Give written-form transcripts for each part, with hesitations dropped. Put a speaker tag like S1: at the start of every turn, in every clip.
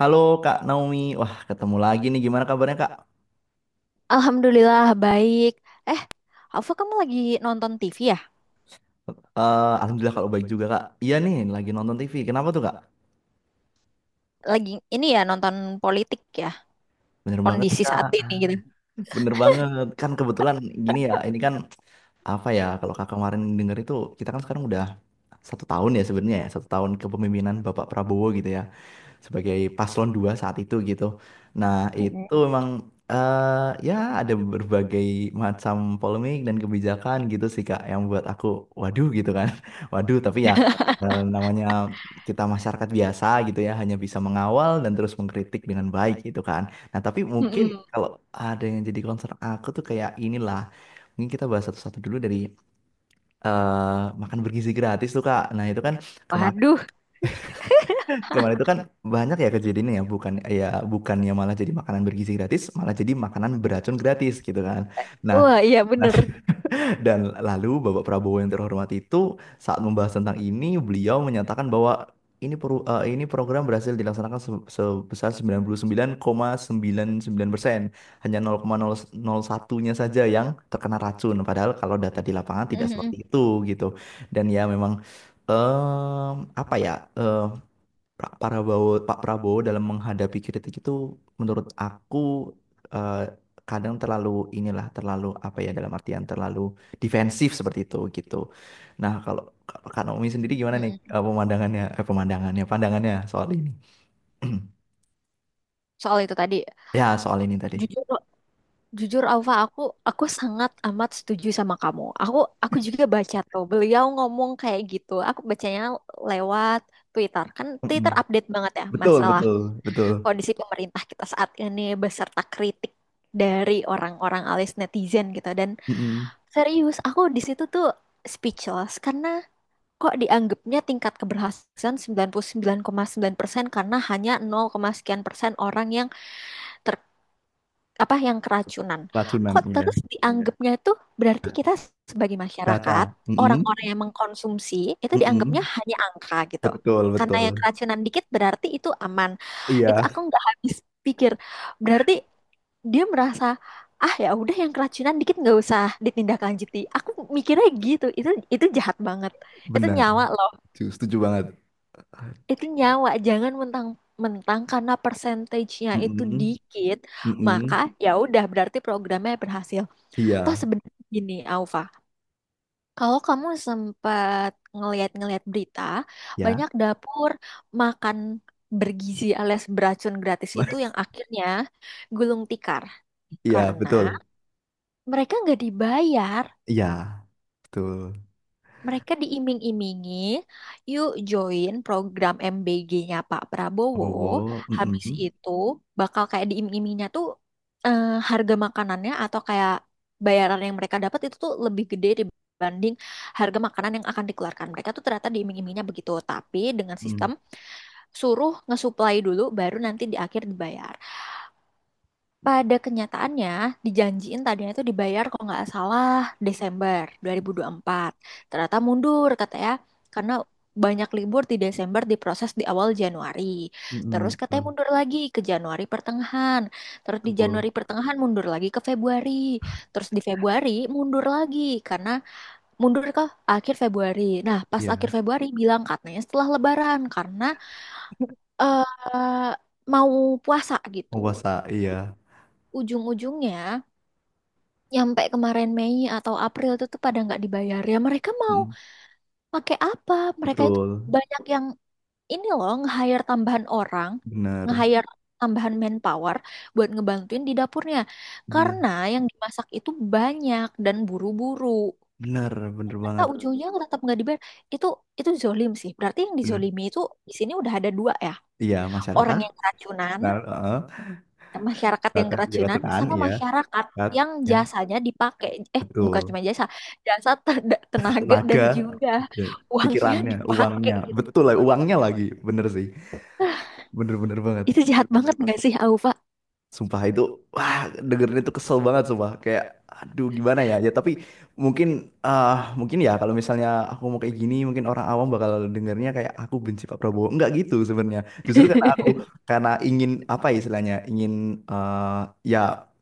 S1: Halo Kak Naomi, wah ketemu lagi nih. Gimana kabarnya Kak?
S2: Alhamdulillah baik. Alfa, kamu lagi nonton TV ya?
S1: Alhamdulillah kalau baik juga Kak. Iya nih, lagi nonton TV. Kenapa tuh Kak?
S2: Lagi ini ya, nonton politik ya?
S1: Bener banget nih
S2: Kondisi saat
S1: Kak.
S2: ini gitu.
S1: Bener banget. Kan kebetulan gini ya, ini kan apa ya? Kalau Kakak kemarin denger itu, kita kan sekarang udah satu tahun ya sebenarnya ya, satu tahun kepemimpinan Bapak Prabowo gitu ya, sebagai paslon dua saat itu gitu. Nah,
S2: Mm-mm.
S1: itu memang eh ya ada berbagai macam polemik dan kebijakan gitu sih Kak yang buat aku waduh gitu kan. Waduh, tapi ya namanya kita masyarakat biasa gitu ya hanya bisa mengawal dan terus mengkritik dengan baik gitu kan. Nah, tapi mungkin
S2: Mm-mm.
S1: kalau ada yang jadi concern aku tuh kayak inilah. Mungkin kita bahas satu-satu dulu dari makan bergizi gratis tuh Kak. Nah, itu kan kemarin.
S2: Waduh.
S1: Kemarin itu kan banyak ya kejadiannya ya, bukan ya bukannya malah jadi makanan bergizi gratis, malah jadi makanan beracun gratis gitu kan. Nah,
S2: Wah, iya
S1: nah,
S2: bener.
S1: dan lalu Bapak Prabowo yang terhormat itu saat membahas tentang ini, beliau menyatakan bahwa ini program berhasil dilaksanakan sebesar 99,99%. Hanya 0,001-nya saja yang terkena racun. Padahal kalau data di lapangan tidak seperti
S2: Mm-mm.
S1: itu gitu. Dan ya memang em, apa ya? eh, Pak Prabowo dalam menghadapi kritik itu menurut aku eh, kadang terlalu inilah, terlalu apa ya, dalam artian terlalu defensif seperti itu gitu. Nah, kalau kalau Kak Naomi sendiri gimana nih,
S2: Mm-mm.
S1: eh pemandangannya pandangannya soal ini?
S2: Soal itu tadi,
S1: Ya, soal ini tadi.
S2: jujur jujur Alfa, aku sangat amat setuju sama kamu. Aku juga baca tuh beliau ngomong kayak gitu. Aku bacanya lewat Twitter. Kan
S1: Mm-mm.
S2: Twitter update banget ya,
S1: Betul,
S2: masalah
S1: betul, betul.
S2: kondisi pemerintah kita saat ini beserta kritik dari orang-orang alias netizen gitu, dan
S1: Mm-mm.
S2: serius aku di situ tuh speechless karena kok dianggapnya tingkat keberhasilan 99,9% karena hanya 0, sekian persen orang yang ter apa, yang keracunan.
S1: Racunan,
S2: Kok
S1: iya.
S2: terus, iya, dianggapnya itu berarti kita sebagai masyarakat,
S1: Data.
S2: orang-orang
S1: Mm-mm.
S2: yang mengkonsumsi itu dianggapnya
S1: Mm-mm.
S2: hanya angka gitu.
S1: Betul,
S2: Karena yang
S1: betul.
S2: keracunan dikit berarti itu aman. Itu
S1: Iya,
S2: aku nggak habis pikir. Berarti dia merasa, ah ya udah, yang keracunan dikit nggak usah ditindaklanjuti. Aku mikirnya gitu. Itu jahat banget. Itu
S1: benar.
S2: nyawa loh.
S1: Setuju, setuju banget.
S2: Itu nyawa. Jangan mentang mentang karena persentasenya itu
S1: Mm-mm.
S2: dikit maka
S1: Mm-mm.
S2: ya udah berarti programnya berhasil. Toh
S1: Iya.
S2: sebenarnya gini, Aufa, kalau kamu sempat ngeliat-ngeliat berita,
S1: Ya,
S2: banyak dapur makan bergizi alias beracun gratis itu
S1: mas.
S2: yang akhirnya gulung tikar
S1: Iya
S2: karena
S1: betul.
S2: mereka nggak dibayar.
S1: Iya, betul.
S2: Mereka diiming-imingi, yuk join program MBG-nya Pak Prabowo.
S1: Prabowo,
S2: Habis
S1: mm-mm,
S2: itu bakal kayak diiming-imingnya tuh, eh, harga makanannya atau kayak bayaran yang mereka dapat itu tuh lebih gede dibanding harga makanan yang akan dikeluarkan. Mereka tuh ternyata diiming-imingnya begitu, tapi dengan sistem
S1: mm,
S2: suruh ngesuplai dulu baru nanti di akhir dibayar. Pada kenyataannya, dijanjiin tadinya itu dibayar kalau nggak salah Desember 2024. Ternyata mundur katanya karena banyak libur di Desember, diproses di awal Januari.
S1: mm-mm,
S2: Terus
S1: betul,
S2: katanya mundur lagi ke Januari pertengahan. Terus di
S1: betul.
S2: Januari pertengahan mundur lagi ke Februari. Terus di Februari mundur lagi karena mundur ke akhir Februari. Nah, pas akhir
S1: Iya,
S2: Februari bilang katanya setelah Lebaran karena eh mau puasa gitu.
S1: penguasa, iya,
S2: Ujung-ujungnya nyampe kemarin Mei atau April itu tuh pada nggak dibayar. Ya mereka mau
S1: mm,
S2: pakai apa? Mereka itu
S1: betul,
S2: banyak yang ini loh, nge-hire tambahan orang,
S1: benar,
S2: nge-hire tambahan manpower buat ngebantuin di dapurnya
S1: benar,
S2: karena yang dimasak itu banyak dan buru-buru,
S1: benar, benar
S2: mereka
S1: banget,
S2: ujungnya tetap nggak dibayar. Itu itu zolim sih. Berarti yang
S1: benar.
S2: dizolimi itu di sini udah ada dua ya,
S1: Iya,
S2: orang
S1: masyarakat,
S2: yang keracunan,
S1: benar, heeh.
S2: masyarakat yang
S1: Masyarakat
S2: kerajinan
S1: jabatan,
S2: sama
S1: iya,
S2: masyarakat
S1: masyarakat
S2: yang
S1: yang
S2: jasanya dipakai. Bukan
S1: betul,
S2: cuma jasa, jasa tenaga dan
S1: tenaga,
S2: juga
S1: eh,
S2: uangnya
S1: pikirannya,
S2: dipakai
S1: uangnya,
S2: gitu.
S1: betul lah, uangnya lagi, bener sih, bener-bener banget.
S2: Itu jahat banget nggak sih, Aufa?
S1: Sumpah itu, wah dengerin itu kesel banget sumpah. Kayak, aduh gimana ya. Ya tapi mungkin, mungkin ya, kalau misalnya aku mau kayak gini, mungkin orang awam bakal dengernya kayak aku benci Pak Prabowo. Enggak gitu sebenarnya. Justru karena ingin apa ya istilahnya, ingin eh, ya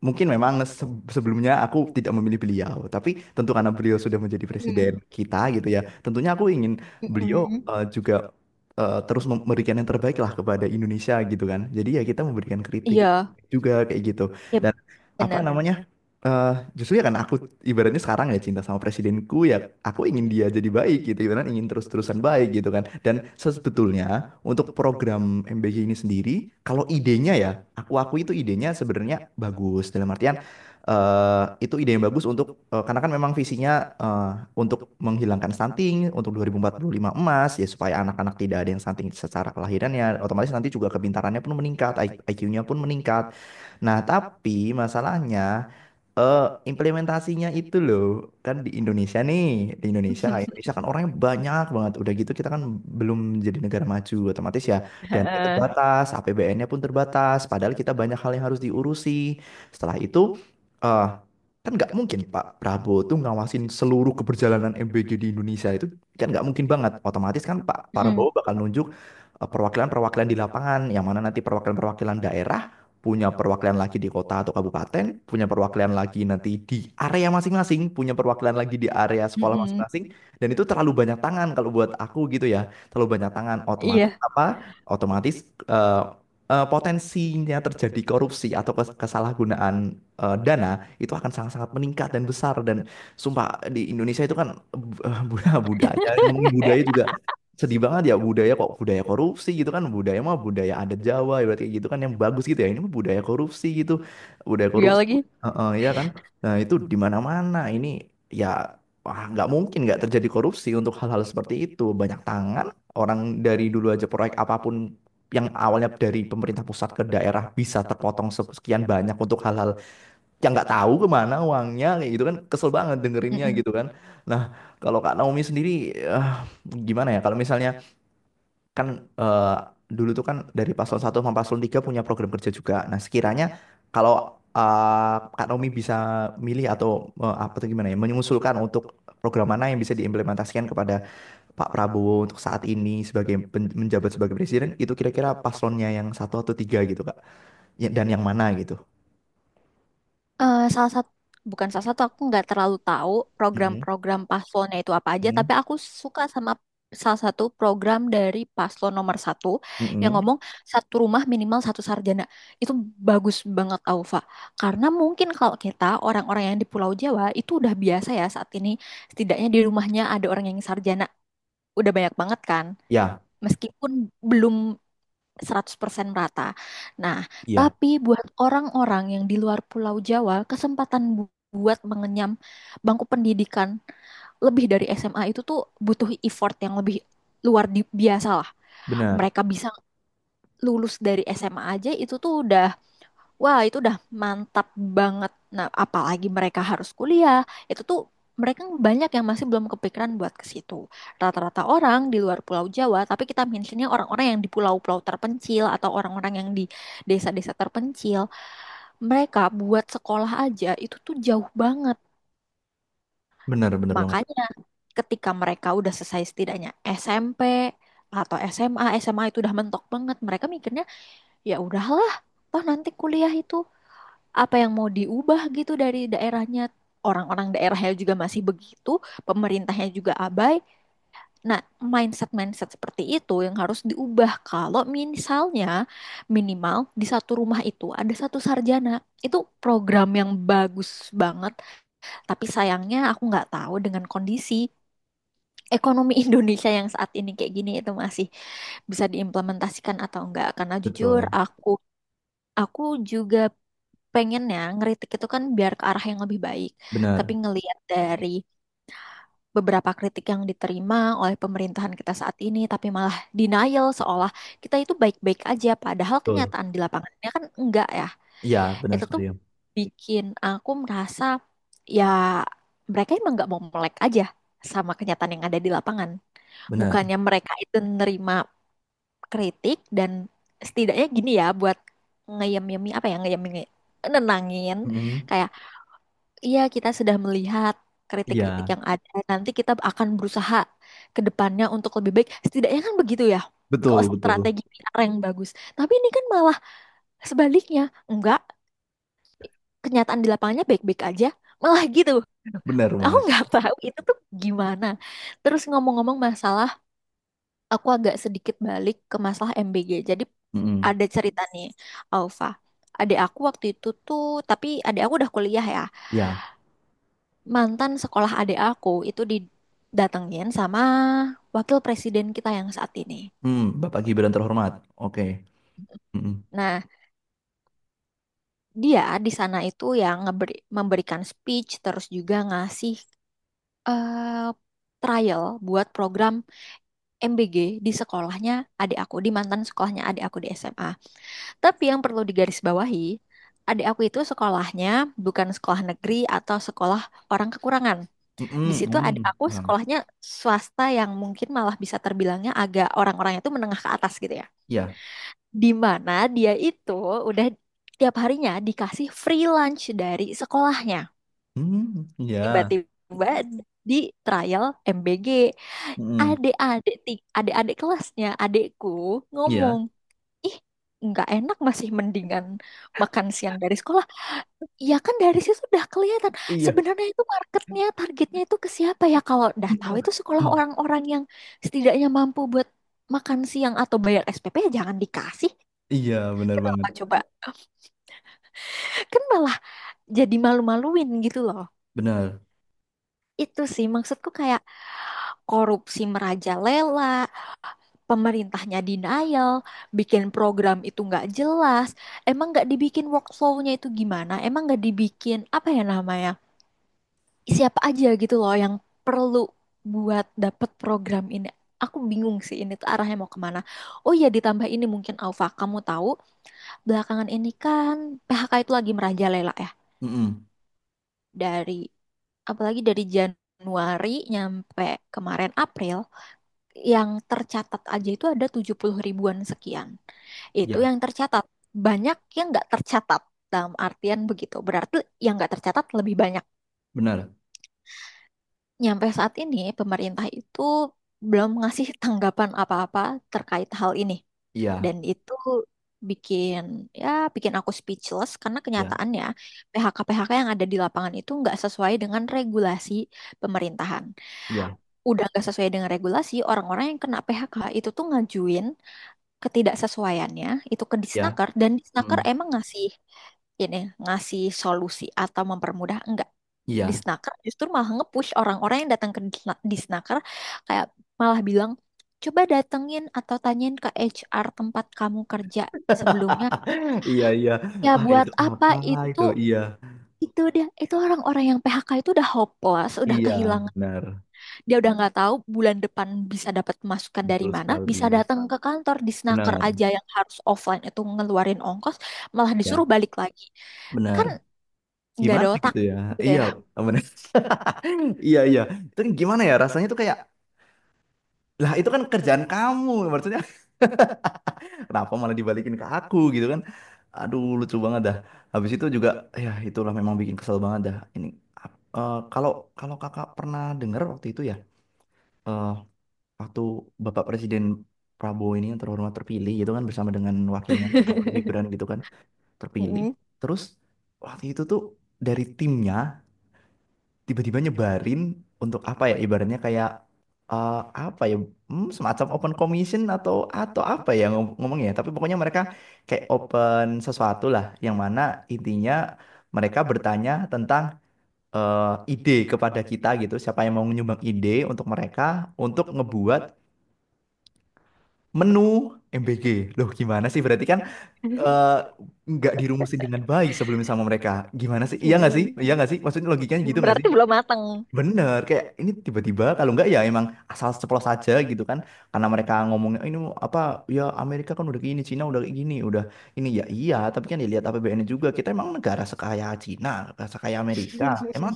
S1: mungkin memang sebelumnya aku tidak memilih beliau. Tapi tentu karena beliau sudah menjadi
S2: Mm,
S1: presiden kita gitu ya. Tentunya aku ingin beliau
S2: mm-mm.
S1: juga terus memberikan yang terbaik lah kepada Indonesia gitu kan. Jadi ya kita memberikan kritik
S2: Iya,
S1: juga kayak gitu,
S2: iya,
S1: dan apa
S2: bener.
S1: namanya, justru ya kan aku, ibaratnya sekarang ya cinta sama presidenku, ya aku ingin dia jadi baik gitu, ibaratnya ingin terus-terusan baik gitu kan. Dan sebetulnya untuk program MBG ini sendiri, kalau idenya ya, aku itu idenya sebenarnya bagus dalam artian itu ide yang bagus untuk, karena kan memang visinya untuk menghilangkan stunting untuk 2045 emas ya, supaya anak-anak tidak ada yang stunting. Secara kelahirannya otomatis nanti juga kepintarannya pun meningkat, IQ-nya pun meningkat. Nah, tapi masalahnya eh implementasinya itu loh, kan di Indonesia nih, Indonesia kan orangnya banyak banget. Udah gitu kita kan belum jadi negara maju otomatis ya. Dan itu
S2: Heeh.
S1: terbatas, APBN-nya pun terbatas. Padahal kita banyak hal yang harus diurusi. Setelah itu, eh kan nggak mungkin Pak Prabowo tuh ngawasin seluruh keberjalanan MBG di Indonesia itu, kan nggak mungkin banget. Otomatis kan Pak
S2: Mm-mm.
S1: Prabowo bakal nunjuk perwakilan-perwakilan di lapangan, yang mana nanti perwakilan-perwakilan daerah punya perwakilan lagi di kota atau kabupaten, punya perwakilan lagi nanti di area masing-masing, punya perwakilan lagi di area sekolah
S2: Mm-mm.
S1: masing-masing, dan itu terlalu banyak tangan kalau buat aku gitu ya, terlalu banyak tangan otomatis
S2: Iya,
S1: apa? Otomatis eh, potensinya terjadi korupsi atau kesalahgunaan dana itu akan sangat-sangat meningkat dan besar. Dan sumpah di Indonesia itu kan, eh, bu- budaya, yang ngomongin budaya juga sedih banget ya, budaya kok budaya korupsi gitu kan. Budaya mah budaya adat Jawa ya berarti gitu kan yang bagus gitu ya, ini mah budaya korupsi gitu, budaya
S2: dia
S1: korupsi.
S2: lagi.
S1: Heeh, ya kan, nah itu di mana-mana ini ya. Wah, nggak mungkin nggak terjadi korupsi untuk hal-hal seperti itu, banyak tangan orang. Dari dulu aja proyek apapun yang awalnya dari pemerintah pusat ke daerah bisa terpotong sekian banyak untuk hal-hal yang nggak tahu kemana uangnya, kayak gitu kan kesel banget dengerinnya gitu kan. Nah, kalau Kak Naomi sendiri eh, gimana ya kalau misalnya kan, eh, dulu tuh kan dari paslon satu sama paslon 3 punya program kerja juga. Nah, sekiranya kalau Kak Naomi bisa milih atau apa tuh gimana ya, mengusulkan untuk program mana yang bisa diimplementasikan kepada Pak Prabowo untuk saat ini sebagai menjabat sebagai presiden, itu kira-kira paslonnya yang satu atau tiga gitu, Kak. Ya, dan yang mana gitu.
S2: Eh, salah satu bukan salah satu, aku nggak terlalu tahu
S1: Mm-mm,
S2: program-program paslonnya itu apa aja,
S1: mm-mm,
S2: tapi aku suka sama salah satu program dari paslon nomor satu yang
S1: mm-mm.
S2: ngomong satu rumah minimal satu sarjana. Itu bagus banget, Aufa, karena mungkin kalau kita orang-orang yang di Pulau Jawa itu udah biasa ya, saat ini setidaknya di rumahnya ada orang yang sarjana udah banyak banget kan,
S1: Ya,
S2: meskipun belum 100% merata. Nah,
S1: iya,
S2: tapi buat orang-orang yang di luar Pulau Jawa, kesempatan buat mengenyam bangku pendidikan lebih dari SMA itu tuh butuh effort yang lebih luar biasa lah.
S1: benar.
S2: Mereka bisa lulus dari SMA aja itu tuh udah, wah, itu udah mantap banget. Nah, apalagi mereka harus kuliah. Itu tuh mereka banyak yang masih belum kepikiran buat ke situ. Rata-rata orang di luar Pulau Jawa, tapi kita mentionnya orang-orang yang di pulau-pulau terpencil atau orang-orang yang di desa-desa terpencil, mereka buat sekolah aja itu tuh jauh banget.
S1: Benar, benar banget.
S2: Makanya ketika mereka udah selesai setidaknya SMP atau SMA, SMA itu udah mentok banget. Mereka mikirnya, ya udahlah, toh nanti kuliah itu, apa yang mau diubah gitu dari daerahnya? Orang-orang daerahnya juga masih begitu, pemerintahnya juga abai. Nah, mindset-mindset seperti itu yang harus diubah kalau misalnya minimal di satu rumah itu ada satu sarjana. Itu program yang bagus banget, tapi sayangnya aku nggak tahu dengan kondisi ekonomi Indonesia yang saat ini kayak gini itu masih bisa diimplementasikan atau enggak, karena jujur,
S1: Betul.
S2: aku juga pengennya ngeritik itu kan biar ke arah yang lebih baik. Tapi
S1: Benar.
S2: ngelihat dari beberapa kritik yang diterima oleh pemerintahan kita saat ini, tapi malah denial seolah kita itu baik-baik aja, padahal
S1: Betul.
S2: kenyataan di lapangannya kan enggak ya.
S1: Iya, benar
S2: Itu
S1: sekali,
S2: tuh
S1: ya.
S2: bikin aku merasa, ya, mereka emang nggak mau melek aja sama kenyataan yang ada di lapangan.
S1: Benar.
S2: Bukannya mereka itu nerima kritik dan setidaknya gini ya, buat ngeyem-yemi, apa ya, ngeyem, nenangin,
S1: Mm-mm.
S2: kayak, iya, kita sudah melihat kritik-kritik
S1: Iya.
S2: yang ada, nanti kita akan berusaha ke depannya untuk lebih baik. Setidaknya kan begitu ya. Kalau
S1: Betul, betul.
S2: strategi PR yang bagus. Tapi ini kan malah sebaliknya. Enggak, kenyataan di lapangannya baik-baik aja. Malah gitu.
S1: Benar
S2: Aku
S1: banget.
S2: nggak tahu itu tuh gimana. Terus ngomong-ngomong masalah, aku agak sedikit balik ke masalah MBG. Jadi
S1: Mm-mm.
S2: ada cerita nih, Alfa. Adik aku waktu itu tuh, tapi adik aku udah kuliah ya,
S1: Ya.
S2: mantan sekolah adik aku itu didatengin sama wakil presiden kita yang saat ini.
S1: Mm, Bapak Gibran terhormat. Oke. Mm-mm.
S2: Nah, dia di sana itu yang memberikan speech terus juga ngasih, eh, trial buat program MBG di sekolahnya adik aku, di mantan sekolahnya adik aku di SMA. Tapi yang perlu digarisbawahi, adik aku itu sekolahnya bukan sekolah negeri atau sekolah orang kekurangan. Di
S1: Mm-mm,
S2: situ ada
S1: mm.
S2: aku,
S1: Paham.
S2: sekolahnya swasta yang mungkin malah bisa terbilangnya agak orang-orangnya itu menengah ke atas gitu ya.
S1: Ya.
S2: Di mana dia itu udah tiap harinya dikasih free lunch dari sekolahnya.
S1: Mm, ya.
S2: Tiba-tiba di trial MBG,
S1: Mm-mm.
S2: adik-adik kelasnya adikku ngomong,
S1: Ya.
S2: "Ih, nggak enak, masih mendingan makan siang dari sekolah." Ya kan dari situ udah kelihatan
S1: Iya.
S2: sebenarnya itu marketnya, targetnya itu ke siapa ya? Kalau udah tahu itu sekolah
S1: Mm.
S2: orang-orang yang setidaknya mampu buat makan siang atau bayar SPP, ya jangan dikasih.
S1: Iya, benar banget.
S2: Kenapa coba? Kan malah jadi malu-maluin gitu loh.
S1: Benar.
S2: Itu sih maksudku, kayak korupsi merajalela, pemerintahnya denial, bikin program itu nggak jelas, emang nggak dibikin workflow-nya itu gimana, emang nggak dibikin apa ya namanya, siapa aja gitu loh yang perlu buat dapet program ini. Aku bingung sih, ini tuh arahnya mau kemana. Oh ya, ditambah ini mungkin, Alfa, kamu tahu belakangan ini kan PHK itu lagi merajalela ya.
S1: Mm-mm.
S2: Dari apalagi dari Januari nyampe kemarin April, yang tercatat aja itu ada 70.000-an sekian. Itu
S1: Ya,
S2: yang tercatat. Banyak yang nggak tercatat, dalam artian begitu. Berarti yang nggak tercatat lebih banyak.
S1: benar.
S2: Nyampe saat ini, pemerintah itu belum ngasih tanggapan apa-apa terkait hal ini.
S1: Iya,
S2: Dan itu bikin, ya bikin aku speechless karena
S1: ya,
S2: kenyataannya PHK-PHK yang ada di lapangan itu nggak sesuai dengan regulasi pemerintahan.
S1: iya,
S2: Udah nggak sesuai dengan regulasi, orang-orang yang kena PHK itu tuh ngajuin ketidaksesuaiannya itu ke
S1: ya.
S2: Disnaker, dan Disnaker
S1: Mm-mm.
S2: emang ngasih ini ngasih solusi atau mempermudah enggak.
S1: Iya.
S2: Disnaker justru malah nge-push orang-orang yang datang ke Disnaker, kayak malah bilang coba datengin atau tanyain ke HR tempat kamu kerja sebelumnya.
S1: Iya, iya.
S2: Ya
S1: Wah,
S2: buat
S1: itu
S2: apa
S1: apalah
S2: itu?
S1: itu? Iya.
S2: Itu dia, itu orang-orang yang PHK itu udah hopeless, udah
S1: Iya,
S2: kehilangan,
S1: benar.
S2: dia udah nggak tahu bulan depan bisa dapat masukan dari
S1: Betul
S2: mana, bisa
S1: sekali.
S2: datang ke kantor di snaker
S1: Benar,
S2: aja yang harus offline itu ngeluarin ongkos, malah disuruh
S1: ya.
S2: balik lagi.
S1: Benar.
S2: Kan nggak ada
S1: Gimana
S2: otak
S1: gitu ya?
S2: gitu
S1: Iya,
S2: ya.
S1: benar. Iya, iya. Itu kan gimana ya rasanya tuh, kayak lah itu kan kerjaan kamu maksudnya, kenapa malah dibalikin ke aku gitu kan. Aduh lucu banget dah. Habis itu juga ya, itulah memang bikin kesel banget dah. Ini ap- eh, kalau kalau kakak pernah dengar waktu itu ya, eh, waktu Bapak Presiden Prabowo ini yang terhormat terpilih gitu kan, bersama dengan wakilnya Bapak Gibran gitu kan, terpilih.
S2: Mm-mm.
S1: Terus waktu itu tuh dari timnya tiba-tiba nyebarin untuk apa ya, ibaratnya kayak, eh, apa ya, semacam open commission atau apa ya ngom- ngomongnya, tapi pokoknya mereka kayak open sesuatu lah, yang mana intinya mereka bertanya tentang ide kepada kita gitu, siapa yang mau menyumbang ide untuk mereka untuk ngebuat menu MBG. Loh gimana sih berarti kan, eh, nggak dirumusin dengan baik sebelumnya sama mereka? Gimana sih, iya nggak sih, iya nggak sih, maksudnya logikanya gitu nggak
S2: Berarti
S1: sih?
S2: belum matang.
S1: Bener, kayak ini tiba-tiba, kalau enggak ya emang asal ceplos aja gitu kan. Karena mereka ngomongnya ini apa ya, Amerika kan udah kayak gini, Cina udah kayak gini, udah ini ya iya, tapi kan dilihat APBN-nya juga. Kita emang negara sekaya Cina, negara sekaya Amerika? Emang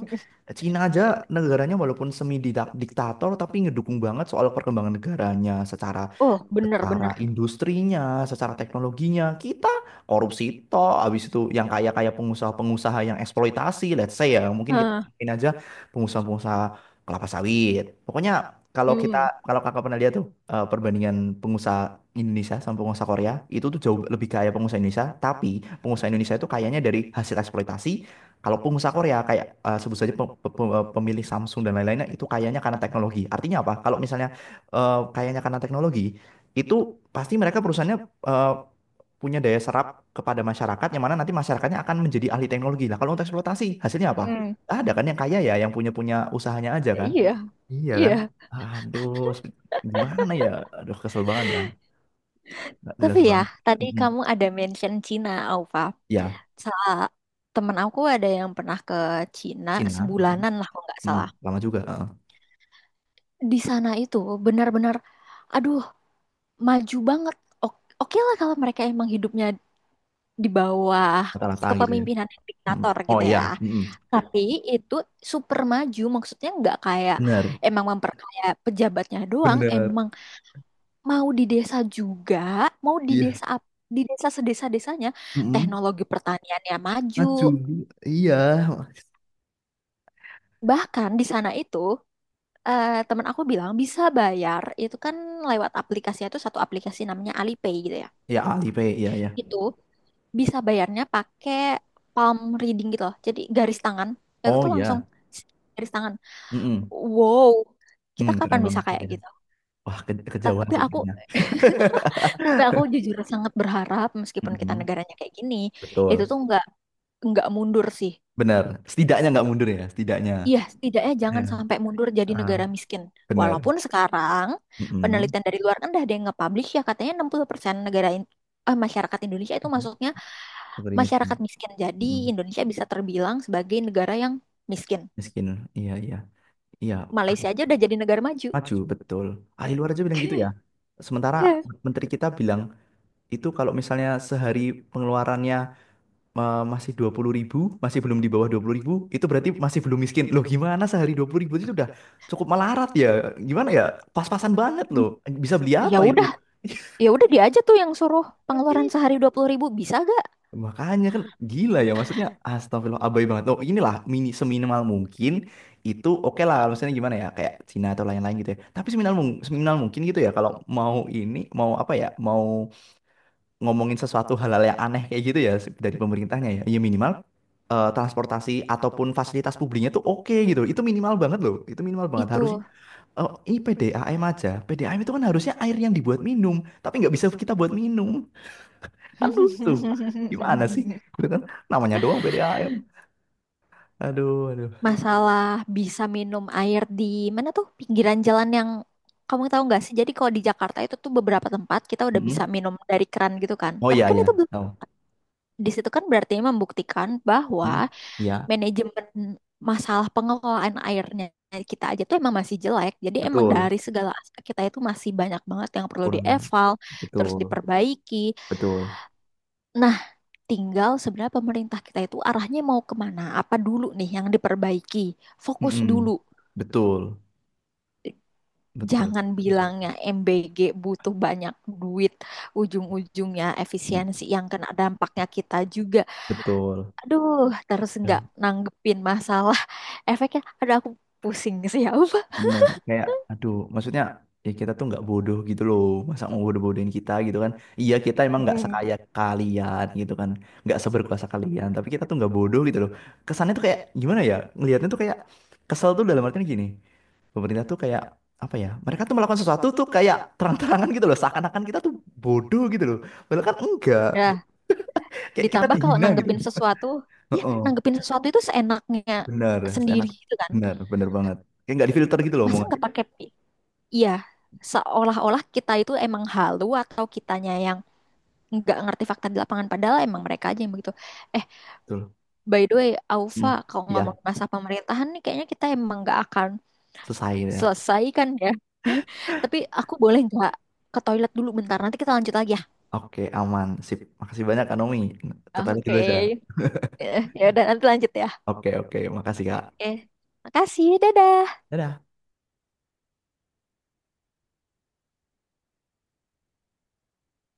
S1: Cina aja negaranya walaupun semi diktator tapi ngedukung banget soal perkembangan negaranya, secara
S2: Oh,
S1: secara
S2: bener-bener.
S1: industrinya, secara teknologinya, kita korupsi toh. Habis itu yang kaya-kaya pengusaha-pengusaha yang eksploitasi, let's say ya, mungkin kita
S2: Hah,
S1: ngomongin aja pengusaha-pengusaha kelapa sawit. Pokoknya
S2: hmm,
S1: kalau kakak pernah lihat tuh perbandingan pengusaha Indonesia sama pengusaha Korea, itu tuh jauh lebih kaya pengusaha Indonesia, tapi pengusaha Indonesia itu kayanya dari hasil eksploitasi, kalau pengusaha Korea kayak, sebut saja pemilik Samsung dan lain-lainnya itu kayaknya karena teknologi. Artinya apa? Kalau misalnya kayaknya karena teknologi, itu pasti mereka perusahaannya eh, punya daya serap kepada masyarakat, yang mana nanti masyarakatnya akan menjadi ahli teknologi lah. Kalau untuk eksploitasi hasilnya apa?
S2: mm-mm.
S1: Nggak ada kan yang kaya ya, yang punya punya usahanya aja kan?
S2: Iya,
S1: Iya kan?
S2: iya.
S1: Aduh, gimana ya? Aduh, kesel banget dah, nggak
S2: Tapi
S1: jelas
S2: ya,
S1: banget.
S2: tadi
S1: Mm-mm.
S2: kamu ada mention Cina, Aufa.
S1: Ya,
S2: Salah, temen aku ada yang pernah ke Cina
S1: Cina, mm-mm.
S2: sebulanan lah kalau nggak
S1: Mm,
S2: salah.
S1: lama juga, heeh.
S2: Di sana itu benar-benar, aduh, maju banget. Oke lah kalau mereka emang hidupnya di bawah
S1: Rata-rata gitu ya.
S2: kepemimpinan yang
S1: Mm.
S2: diktator
S1: Oh
S2: gitu
S1: iya,
S2: ya,
S1: mm-mm.
S2: tapi itu super maju, maksudnya nggak kayak
S1: Bener,
S2: emang memperkaya pejabatnya doang.
S1: bener,
S2: Emang mau di desa juga, mau di
S1: iya,
S2: desa ap- di desa sedesa-desanya
S1: mm-mm.
S2: teknologi pertaniannya maju.
S1: Maju, iya,
S2: Bahkan di sana itu, temen aku bilang bisa bayar itu kan lewat aplikasi, itu satu aplikasi namanya Alipay gitu ya,
S1: ya Alipay, iya ya.
S2: itu bisa bayarnya pakai palm reading gitu loh. Jadi garis tangan itu
S1: Oh
S2: tuh langsung
S1: iya,
S2: garis tangan.
S1: mm-mm.
S2: Wow, kita
S1: Mm,
S2: kapan
S1: keren
S2: bisa
S1: banget.
S2: kayak gitu?
S1: Wah, kejauhan
S2: Tapi
S1: sih
S2: aku
S1: kayaknya.
S2: tapi aku jujur sangat berharap meskipun kita
S1: Mm-mm,
S2: negaranya kayak gini, itu
S1: betul.
S2: tuh nggak mundur sih.
S1: Benar. Setidaknya nggak mundur ya, setidaknya.
S2: Iya, setidaknya
S1: Iya.
S2: jangan sampai mundur jadi
S1: Ah,
S2: negara miskin.
S1: benar.
S2: Walaupun sekarang
S1: Mm-mm.
S2: penelitian dari luar kan udah ada yang nge-publish ya, katanya 60% negara masyarakat Indonesia itu masuknya
S1: Seperti
S2: masyarakat
S1: miskin.
S2: miskin. Jadi
S1: Mm-mm.
S2: Indonesia bisa terbilang sebagai negara yang miskin.
S1: Miskin. Iya, iya. Iya. ahli
S2: Malaysia aja udah jadi negara maju.
S1: Maju, betul. Ahli luar aja bilang gitu ya. Sementara menteri kita bilang itu kalau misalnya sehari pengeluarannya masih 20.000 ribu, masih belum di bawah 20.000 ribu, itu berarti masih belum miskin. Loh gimana sehari 20.000 ribu itu udah cukup melarat ya? Gimana ya? Pas-pasan banget loh. Bisa beli
S2: Ya
S1: apa itu?
S2: udah, ya udah, dia aja tuh yang suruh pengeluaran
S1: Ih,
S2: sehari 20.000 bisa gak?
S1: makanya kan gila ya, maksudnya astagfirullah abai banget. Oh inilah, seminimal mungkin itu oke lah, maksudnya gimana ya kayak Cina atau lain-lain gitu ya. Tapi seminimal mungkin gitu ya, kalau mau ini mau apa ya mau ngomongin sesuatu, hal-hal yang aneh kayak gitu ya, dari pemerintahnya ya. Ya minimal transportasi ataupun fasilitas publiknya tuh oke gitu. Itu minimal banget loh. Itu minimal banget. Harusnya
S2: Itu.
S1: ini PDAM aja. PDAM itu kan harusnya air yang dibuat minum, tapi nggak bisa kita buat minum. Kan lucu. Gimana sih? Gitu kan namanya doang PDAM. Aduh, aduh.
S2: Masalah bisa minum air di mana tuh, pinggiran jalan, yang kamu tahu nggak sih? Jadi kalau di Jakarta itu tuh beberapa tempat kita udah bisa
S1: Mm-mm.
S2: minum dari keran gitu kan.
S1: Oh
S2: Tapi
S1: iya
S2: kan
S1: ya.
S2: itu belum-
S1: Tahu.
S2: di situ kan berarti membuktikan bahwa
S1: Mm. Iya,
S2: manajemen masalah pengelolaan airnya kita aja tuh emang masih jelek. Jadi emang
S1: betul.
S2: dari segala aspek kita itu masih banyak banget yang perlu
S1: Kurangnya.
S2: dieval, terus
S1: Betul.
S2: diperbaiki.
S1: Betul.
S2: Nah, tinggal sebenarnya pemerintah kita itu arahnya mau kemana? Apa dulu nih yang diperbaiki? Fokus
S1: Mm-mm.
S2: dulu.
S1: Betul. Betul.
S2: Jangan bilangnya MBG butuh banyak duit, ujung-ujungnya efisiensi yang kena dampaknya kita juga.
S1: Betul.
S2: Aduh, terus nggak
S1: Ya,
S2: nanggepin masalah efeknya. Aduh, aku pusing sih ya.
S1: bener. Kayak, aduh, maksudnya ya kita tuh nggak bodoh gitu loh. Masa mau bodoh-bodohin kita gitu kan? Iya, kita emang nggak sekaya kalian gitu kan, nggak seberkuasa kalian. Tapi kita tuh nggak bodoh gitu loh. Kesannya tuh kayak gimana ya? Ngelihatnya tuh kayak kesel tuh dalam artian gini. Pemerintah tuh kayak apa ya? Mereka tuh melakukan sesuatu tuh kayak terang-terangan gitu loh. Seakan-akan kita tuh bodoh gitu loh. Padahal kan enggak.
S2: Ya,
S1: Kayak kita
S2: ditambah kalau
S1: dihina gitu.
S2: nanggepin sesuatu, ya
S1: Heeh.
S2: nanggepin sesuatu itu seenaknya
S1: Bener, enak.
S2: sendiri gitu kan.
S1: Bener, bener banget. Kayak nggak difilter gitu loh
S2: Masa
S1: omongannya.
S2: nggak pakai pi- Iya, seolah-olah kita itu emang halu atau kitanya yang nggak ngerti fakta di lapangan padahal emang mereka aja yang begitu. Eh,
S1: Betul.
S2: by the way, Aufa,
S1: Hmm.
S2: kalau
S1: Iya,
S2: ngomong masa pemerintahan nih kayaknya kita emang nggak akan
S1: selesai.
S2: selesai kan ya. Tapi aku boleh nggak ke toilet dulu bentar, nanti kita lanjut lagi ya.
S1: Oke, aman. Sip. Makasih banyak, Kak Nomi. Ke toilet dulu
S2: Oke.
S1: aja.
S2: Eh, ya udah nanti lanjut ya.
S1: Oke, oke. Makasih, Kak.
S2: Oke. Makasih, dadah.
S1: Dadah.